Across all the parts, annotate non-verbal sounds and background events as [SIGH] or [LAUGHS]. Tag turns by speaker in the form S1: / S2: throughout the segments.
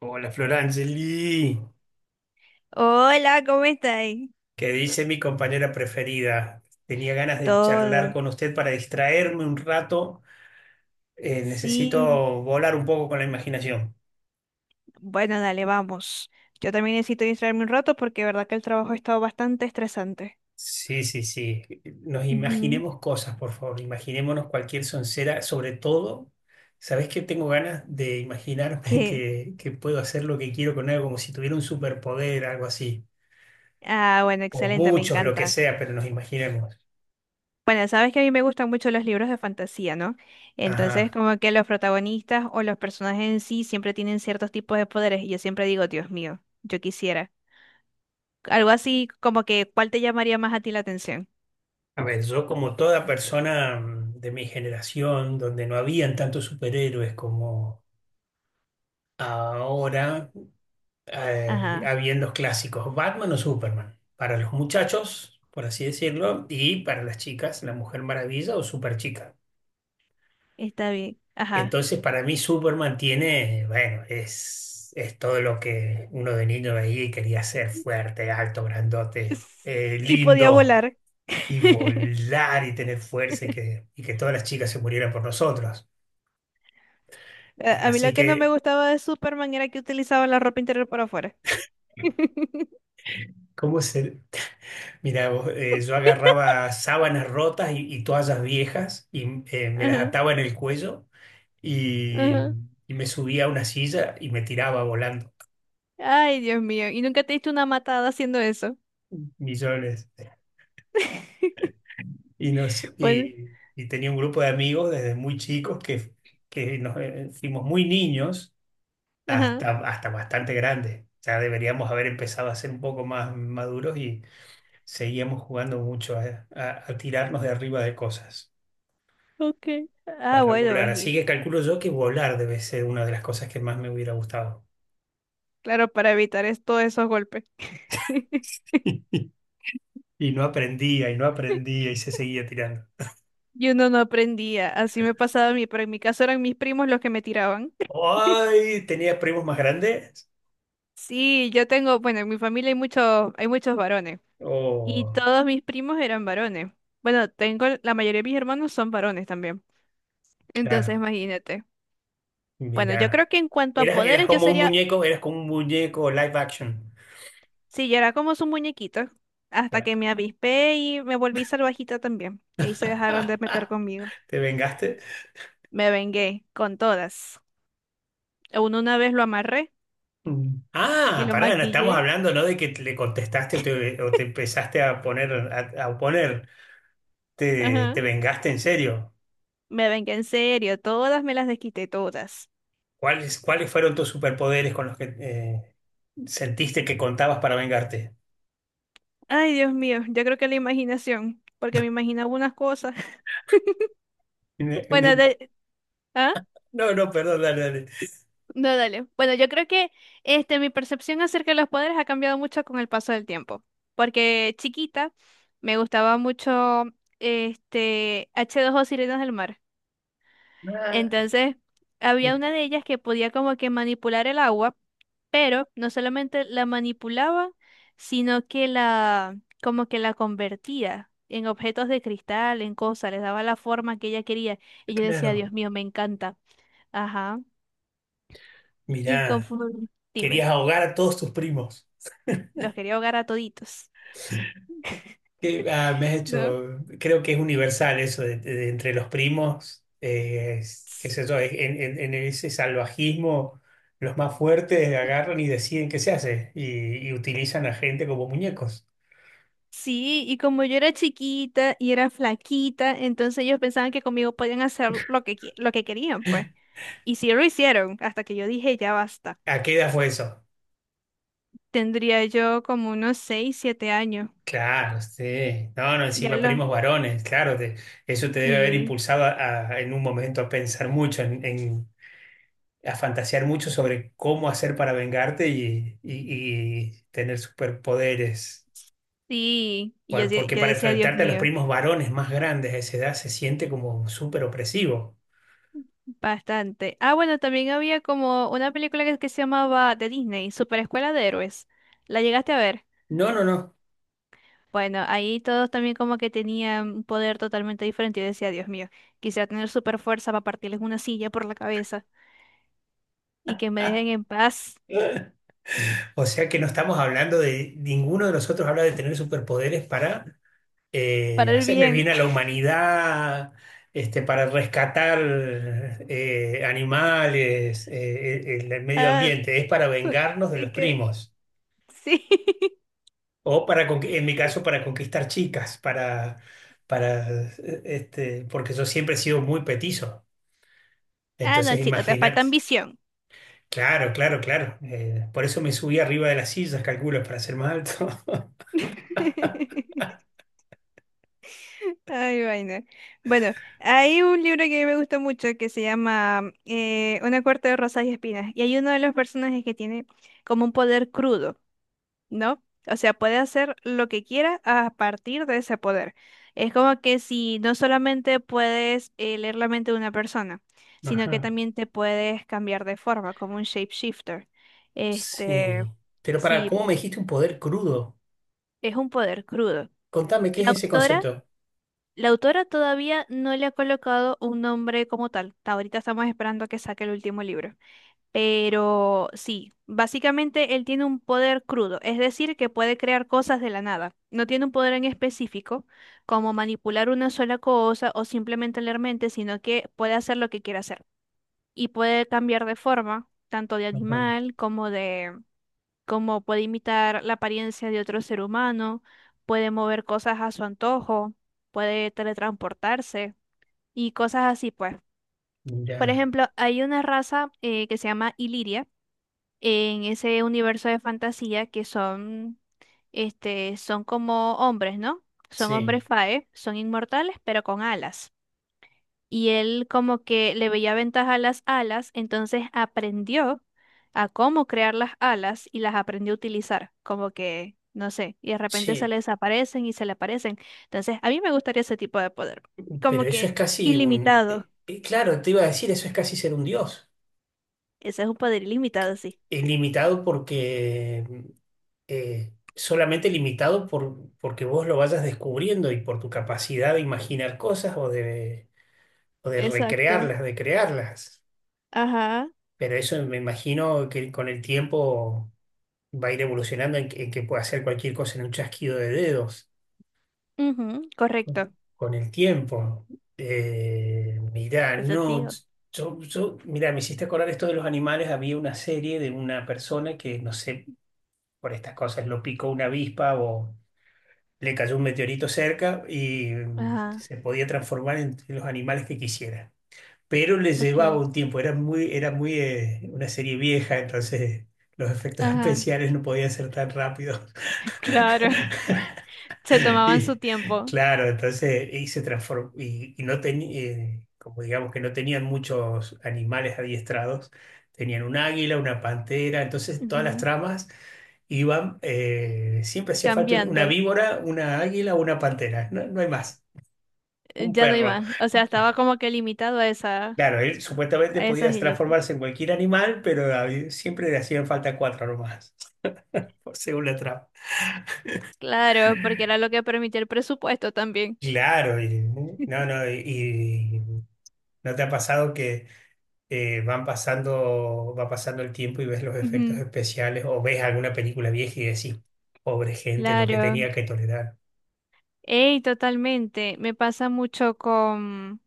S1: Hola Florangeli,
S2: Hola, ¿cómo estáis?
S1: ¿qué dice mi compañera preferida? Tenía ganas de charlar
S2: Todo.
S1: con usted para distraerme un rato.
S2: Sí,
S1: Necesito volar un poco con la imaginación.
S2: bueno, dale, vamos. Yo también necesito distraerme un rato porque de verdad que el trabajo ha estado bastante estresante.
S1: Sí, sí, sí. Nos
S2: Ujú.
S1: imaginemos cosas, por favor. Imaginémonos cualquier soncera. Sobre todo, ¿sabés que tengo ganas de imaginarme [LAUGHS]
S2: ¿Qué?
S1: que puedo hacer lo que quiero con algo, como si tuviera un superpoder, algo así?
S2: Ah, bueno,
S1: O
S2: excelente, me
S1: muchos, lo que
S2: encanta.
S1: sea, pero nos imaginemos.
S2: Bueno, sabes que a mí me gustan mucho los libros de fantasía, ¿no? Entonces,
S1: Ajá.
S2: como que los protagonistas o los personajes en sí siempre tienen ciertos tipos de poderes y yo siempre digo, Dios mío, yo quisiera. Algo así como que, ¿cuál te llamaría más a ti la atención?
S1: A ver, yo como toda persona de mi generación, donde no habían tantos superhéroes como ahora,
S2: Ajá,
S1: habían los clásicos, Batman o Superman, para los muchachos, por así decirlo, y para las chicas, la Mujer Maravilla o Superchica.
S2: está bien. Ajá.
S1: Entonces, para mí Superman tiene, bueno, es todo lo que uno de niño veía y quería ser fuerte, alto, grandote,
S2: [LAUGHS] Y podía
S1: lindo
S2: volar.
S1: y volar y tener fuerza y que todas las chicas se murieran por nosotros.
S2: A mí
S1: Así
S2: lo que no me
S1: que,
S2: gustaba de Superman era que utilizaba la ropa interior por afuera. [LAUGHS]
S1: ¿cómo se...? Mira, vos, yo agarraba sábanas rotas y toallas viejas y me las
S2: Ajá,
S1: ataba en el cuello y,
S2: ajá.
S1: y me subía a una silla y me tiraba volando
S2: Ay, Dios mío. ¿Y nunca te diste una matada haciendo eso?
S1: millones. Y, nos,
S2: Pues,
S1: y, y tenía un grupo de amigos desde muy chicos que nos fuimos muy niños
S2: ajá,
S1: hasta bastante grandes. Ya deberíamos haber empezado a ser un poco más maduros y seguíamos jugando mucho a tirarnos de arriba de cosas
S2: ok. Ah,
S1: para
S2: bueno,
S1: volar. Así
S2: bají.
S1: que calculo yo que volar debe ser una de las cosas que más me hubiera gustado.
S2: Claro, para evitar todos esos golpes. [LAUGHS]
S1: [LAUGHS] Y no aprendía, y no aprendía, y se seguía tirando.
S2: Y uno no aprendía. Así me pasaba a mí, pero en mi caso eran mis primos los que me tiraban. [LAUGHS]
S1: ¡Ay! ¿Tenía primos más grandes?
S2: Sí, yo tengo, bueno, en mi familia hay muchos varones. Y
S1: Oh,
S2: todos mis primos eran varones. Bueno, tengo, la mayoría de mis hermanos son varones también. Entonces,
S1: claro.
S2: imagínate. Bueno, yo
S1: Mirá.
S2: creo que en cuanto a
S1: Eras
S2: poderes, yo
S1: como un
S2: sería,
S1: muñeco, eras como un muñeco live action.
S2: sí, yo era como su muñequito, hasta que
S1: Claro.
S2: me avispé y me volví salvajita también, que ahí se dejaron de meter conmigo.
S1: ¿Te vengaste?
S2: Me vengué con todas. Aún una vez lo amarré
S1: Mm.
S2: y
S1: Ah,
S2: lo
S1: pará, no estamos
S2: maquillé.
S1: hablando, ¿no? De que le contestaste o te empezaste a poner, a oponer. Te,
S2: Ajá.
S1: te vengaste en serio.
S2: Me vengué en serio, todas me las desquité, todas.
S1: ¿Cuáles fueron tus superpoderes con los que sentiste que contabas para vengarte.
S2: Ay, Dios mío, yo creo que la imaginación, porque me imaginaba unas cosas. [LAUGHS]
S1: Una- una-
S2: Bueno, de... ¿ah?
S1: No, no, perdón, dale, dale.
S2: No, dale. Bueno, yo creo que mi percepción acerca de los poderes ha cambiado mucho con el paso del tiempo. Porque chiquita me gustaba mucho H2O Sirenas del Mar.
S1: Ah,
S2: Entonces, había una
S1: mira,
S2: de ellas que podía como que manipular el agua, pero no solamente la manipulaba, sino que la como que la convertía en objetos de cristal, en cosas, les daba la forma que ella quería. Y yo decía, Dios
S1: claro,
S2: mío, me encanta. Ajá. Y
S1: mirá,
S2: conforme,
S1: querías
S2: dime.
S1: ahogar a todos tus primos.
S2: Los quería ahogar a toditos.
S1: Que, ah, me has
S2: ¿No?
S1: hecho, creo que es universal eso de, de entre los primos, qué sé yo, en ese salvajismo, los más fuertes agarran y deciden qué se hace y utilizan a gente como muñecos.
S2: Sí, y como yo era chiquita y era flaquita, entonces ellos pensaban que conmigo podían hacer lo que, lo que querían, pues. Y sí lo hicieron, hasta que yo dije, ya basta.
S1: ¿A qué edad fue eso?
S2: Tendría yo como unos 6, 7 años.
S1: Claro, sí. No, no,
S2: Ya
S1: encima
S2: lo.
S1: primos varones, claro, eso te debe haber
S2: Sí,
S1: impulsado a, en un momento a pensar mucho, a fantasear mucho sobre cómo hacer para vengarte y tener superpoderes.
S2: sí. Y yo,
S1: Por- porque
S2: yo
S1: para
S2: decía, Dios
S1: enfrentarte a los
S2: mío,
S1: primos varones más grandes a esa edad se siente como súper opresivo.
S2: bastante. Ah, bueno, también había como una película que se llamaba de Disney, Super Escuela de Héroes. ¿La llegaste a ver?
S1: No, no, no.
S2: Bueno, ahí todos también como que tenían un poder totalmente diferente. Yo decía, Dios mío, quisiera tener super fuerza para partirles una silla por la cabeza y que me dejen en paz
S1: [LAUGHS] O sea que no estamos hablando de, ninguno de nosotros habla de tener superpoderes para
S2: para el
S1: hacerle el
S2: bien.
S1: bien a la
S2: [LAUGHS]
S1: humanidad, para rescatar animales, el medio
S2: Ah,
S1: ambiente, es para vengarnos de
S2: y
S1: los
S2: que
S1: primos,
S2: sí. [LAUGHS]
S1: o para, en mi caso, para conquistar chicas, porque yo siempre he sido muy petizo,
S2: Ah, no,
S1: entonces
S2: chico, te falta
S1: imagínate.
S2: ambición.
S1: Claro, claro, claro. Por eso me subí arriba de las sillas, calculo, para ser más alto.
S2: [LAUGHS] Ay, vaina. Bueno, hay un libro que me gusta mucho que se llama Una corte de rosas y espinas. Y hay uno de los personajes que tiene como un poder crudo. ¿No? O sea, puede hacer lo que quiera a partir de ese poder. Es como que si no solamente puedes leer la mente de una persona,
S1: [LAUGHS]
S2: sino que
S1: Ajá.
S2: también te puedes cambiar de forma, como un shapeshifter. Este,
S1: Sí. Pero
S2: sí,
S1: ¿cómo me dijiste un poder crudo?
S2: es un poder crudo.
S1: Contame, ¿qué
S2: La
S1: es ese
S2: autora,
S1: concepto?
S2: la autora todavía no le ha colocado un nombre como tal. Hasta ahorita estamos esperando a que saque el último libro. Pero sí, básicamente él tiene un poder crudo, es decir, que puede crear cosas de la nada. No tiene un poder en específico, como manipular una sola cosa o simplemente leer mente, sino que puede hacer lo que quiera hacer. Y puede cambiar de forma, tanto de animal como como puede imitar la apariencia de otro ser humano, puede mover cosas a su antojo, puede teletransportarse y cosas así, pues. Por
S1: Mira,
S2: ejemplo, hay una raza que se llama Iliria en ese universo de fantasía que son como hombres, ¿no? Son
S1: sí.
S2: hombres fae, son inmortales, pero con alas. Y él como que le veía ventaja a las alas, entonces aprendió a cómo crear las alas y las aprendió a utilizar, como que, no sé, y de repente se
S1: Che,
S2: le desaparecen y se le aparecen. Entonces, a mí me gustaría ese tipo de poder, como
S1: pero eso es
S2: que
S1: casi
S2: ilimitado.
S1: claro, te iba a decir, eso es casi ser un dios.
S2: Ese es un poder ilimitado, sí.
S1: Limitado porque solamente limitado porque vos lo vayas descubriendo y por tu capacidad de imaginar cosas o de
S2: Exacto.
S1: recrearlas, de crearlas.
S2: Ajá.
S1: Pero eso me imagino que con el tiempo va a ir evolucionando en que pueda hacer cualquier cosa en un chasquido de dedos
S2: Ujú,
S1: con,
S2: correcto.
S1: con el tiempo. Mirá,
S2: Eso,
S1: no,
S2: tío.
S1: mirá, me hiciste acordar esto de los animales. Había una serie de una persona que, no sé, por estas cosas lo picó una avispa o le cayó un meteorito cerca y
S2: Ajá,
S1: se podía transformar en los animales que quisiera. Pero le
S2: ok.
S1: llevaba un tiempo, era muy una serie vieja, entonces los efectos [LAUGHS]
S2: Ajá,
S1: especiales no podían ser tan rápidos.
S2: [LAUGHS] claro. Se
S1: [LAUGHS]
S2: tomaban su
S1: Y,
S2: tiempo,
S1: claro, entonces se transformó y no tenían, como digamos que no tenían muchos animales adiestrados, tenían un águila, una pantera, entonces todas las
S2: ujú,
S1: tramas iban, siempre hacía falta una
S2: cambiando.
S1: víbora, una águila, una pantera, no, no hay más, un
S2: Ya no hay
S1: perro.
S2: más. O sea, estaba como que limitado a esa,
S1: Claro, él supuestamente
S2: a
S1: podía
S2: esas y ya pues.
S1: transformarse en cualquier animal, pero siempre le hacían falta cuatro nomás, [LAUGHS] según la trama.
S2: Claro, porque era lo que permitía el presupuesto también.
S1: Claro, no, no, y- ¿no te ha pasado que van pasando, va pasando el tiempo y ves los efectos
S2: Ujú,
S1: especiales o ves alguna película vieja y decís, pobre gente, lo que
S2: claro.
S1: tenía que tolerar.
S2: Ey, totalmente. Me pasa mucho con.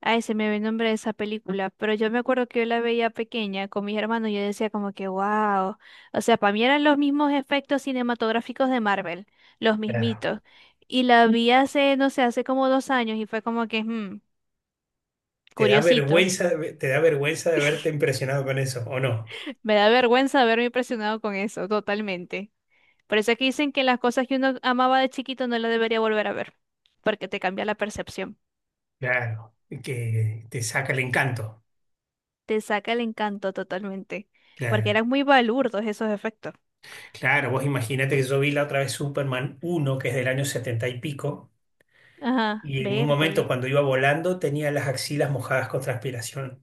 S2: Ay, se me ve el nombre de esa película, pero yo me acuerdo que yo la veía pequeña con mis hermanos y yo decía como que wow, o sea, para mí eran los mismos efectos cinematográficos de Marvel, los
S1: Claro.
S2: mismitos. Y la vi hace, no sé, hace como 2 años y fue como que,
S1: Te da
S2: curiosito.
S1: vergüenza, de verte impresionado con eso, ¿o no?
S2: Me da vergüenza haberme impresionado con eso, totalmente. Por eso es que dicen que las cosas que uno amaba de chiquito no las debería volver a ver, porque te cambia la percepción,
S1: Claro, que te saca el encanto.
S2: te saca el encanto totalmente, porque
S1: Claro,
S2: eran muy balurdos esos efectos.
S1: claro, vos imagínate que yo vi la otra vez Superman uno que es del año 70 y pico,
S2: Ajá,
S1: y en un momento
S2: vértale.
S1: cuando iba volando tenía las axilas mojadas con transpiración.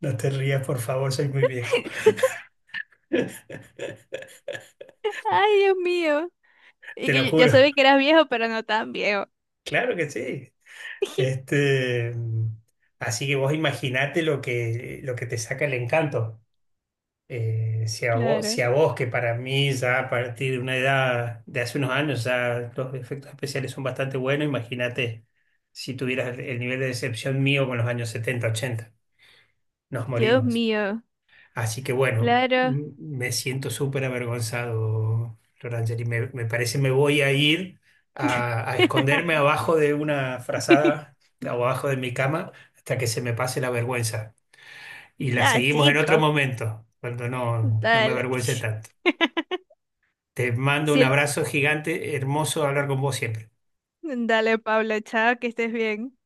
S1: No te rías, por favor, soy muy viejo.
S2: [LAUGHS]
S1: [LAUGHS]
S2: Ay, Dios mío. Y
S1: Te
S2: que
S1: lo
S2: yo
S1: juro.
S2: sabía que eras viejo, pero no tan viejo.
S1: Claro que sí.
S2: [LAUGHS]
S1: Este, mm, Así que vos imaginate lo que te saca el encanto. Si a vos,
S2: Claro.
S1: que para mí ya a partir de una edad de hace unos años ya los efectos especiales son bastante buenos, imagínate si tuvieras el nivel de decepción mío con los años 70 80, nos
S2: Dios
S1: morimos.
S2: mío,
S1: Así que bueno,
S2: claro.
S1: me siento súper avergonzado, Florangeli. Me parece me voy a ir a esconderme
S2: [LAUGHS]
S1: abajo de una frazada, abajo de mi cama, hasta que se me pase la vergüenza. Y la
S2: Ah,
S1: seguimos en otro
S2: chico.
S1: momento, cuando no me
S2: Dale.
S1: avergüence tanto.
S2: [LAUGHS]
S1: Te mando un
S2: Sí,
S1: abrazo gigante, hermoso hablar con vos siempre.
S2: dale, Paula, chao, que estés bien.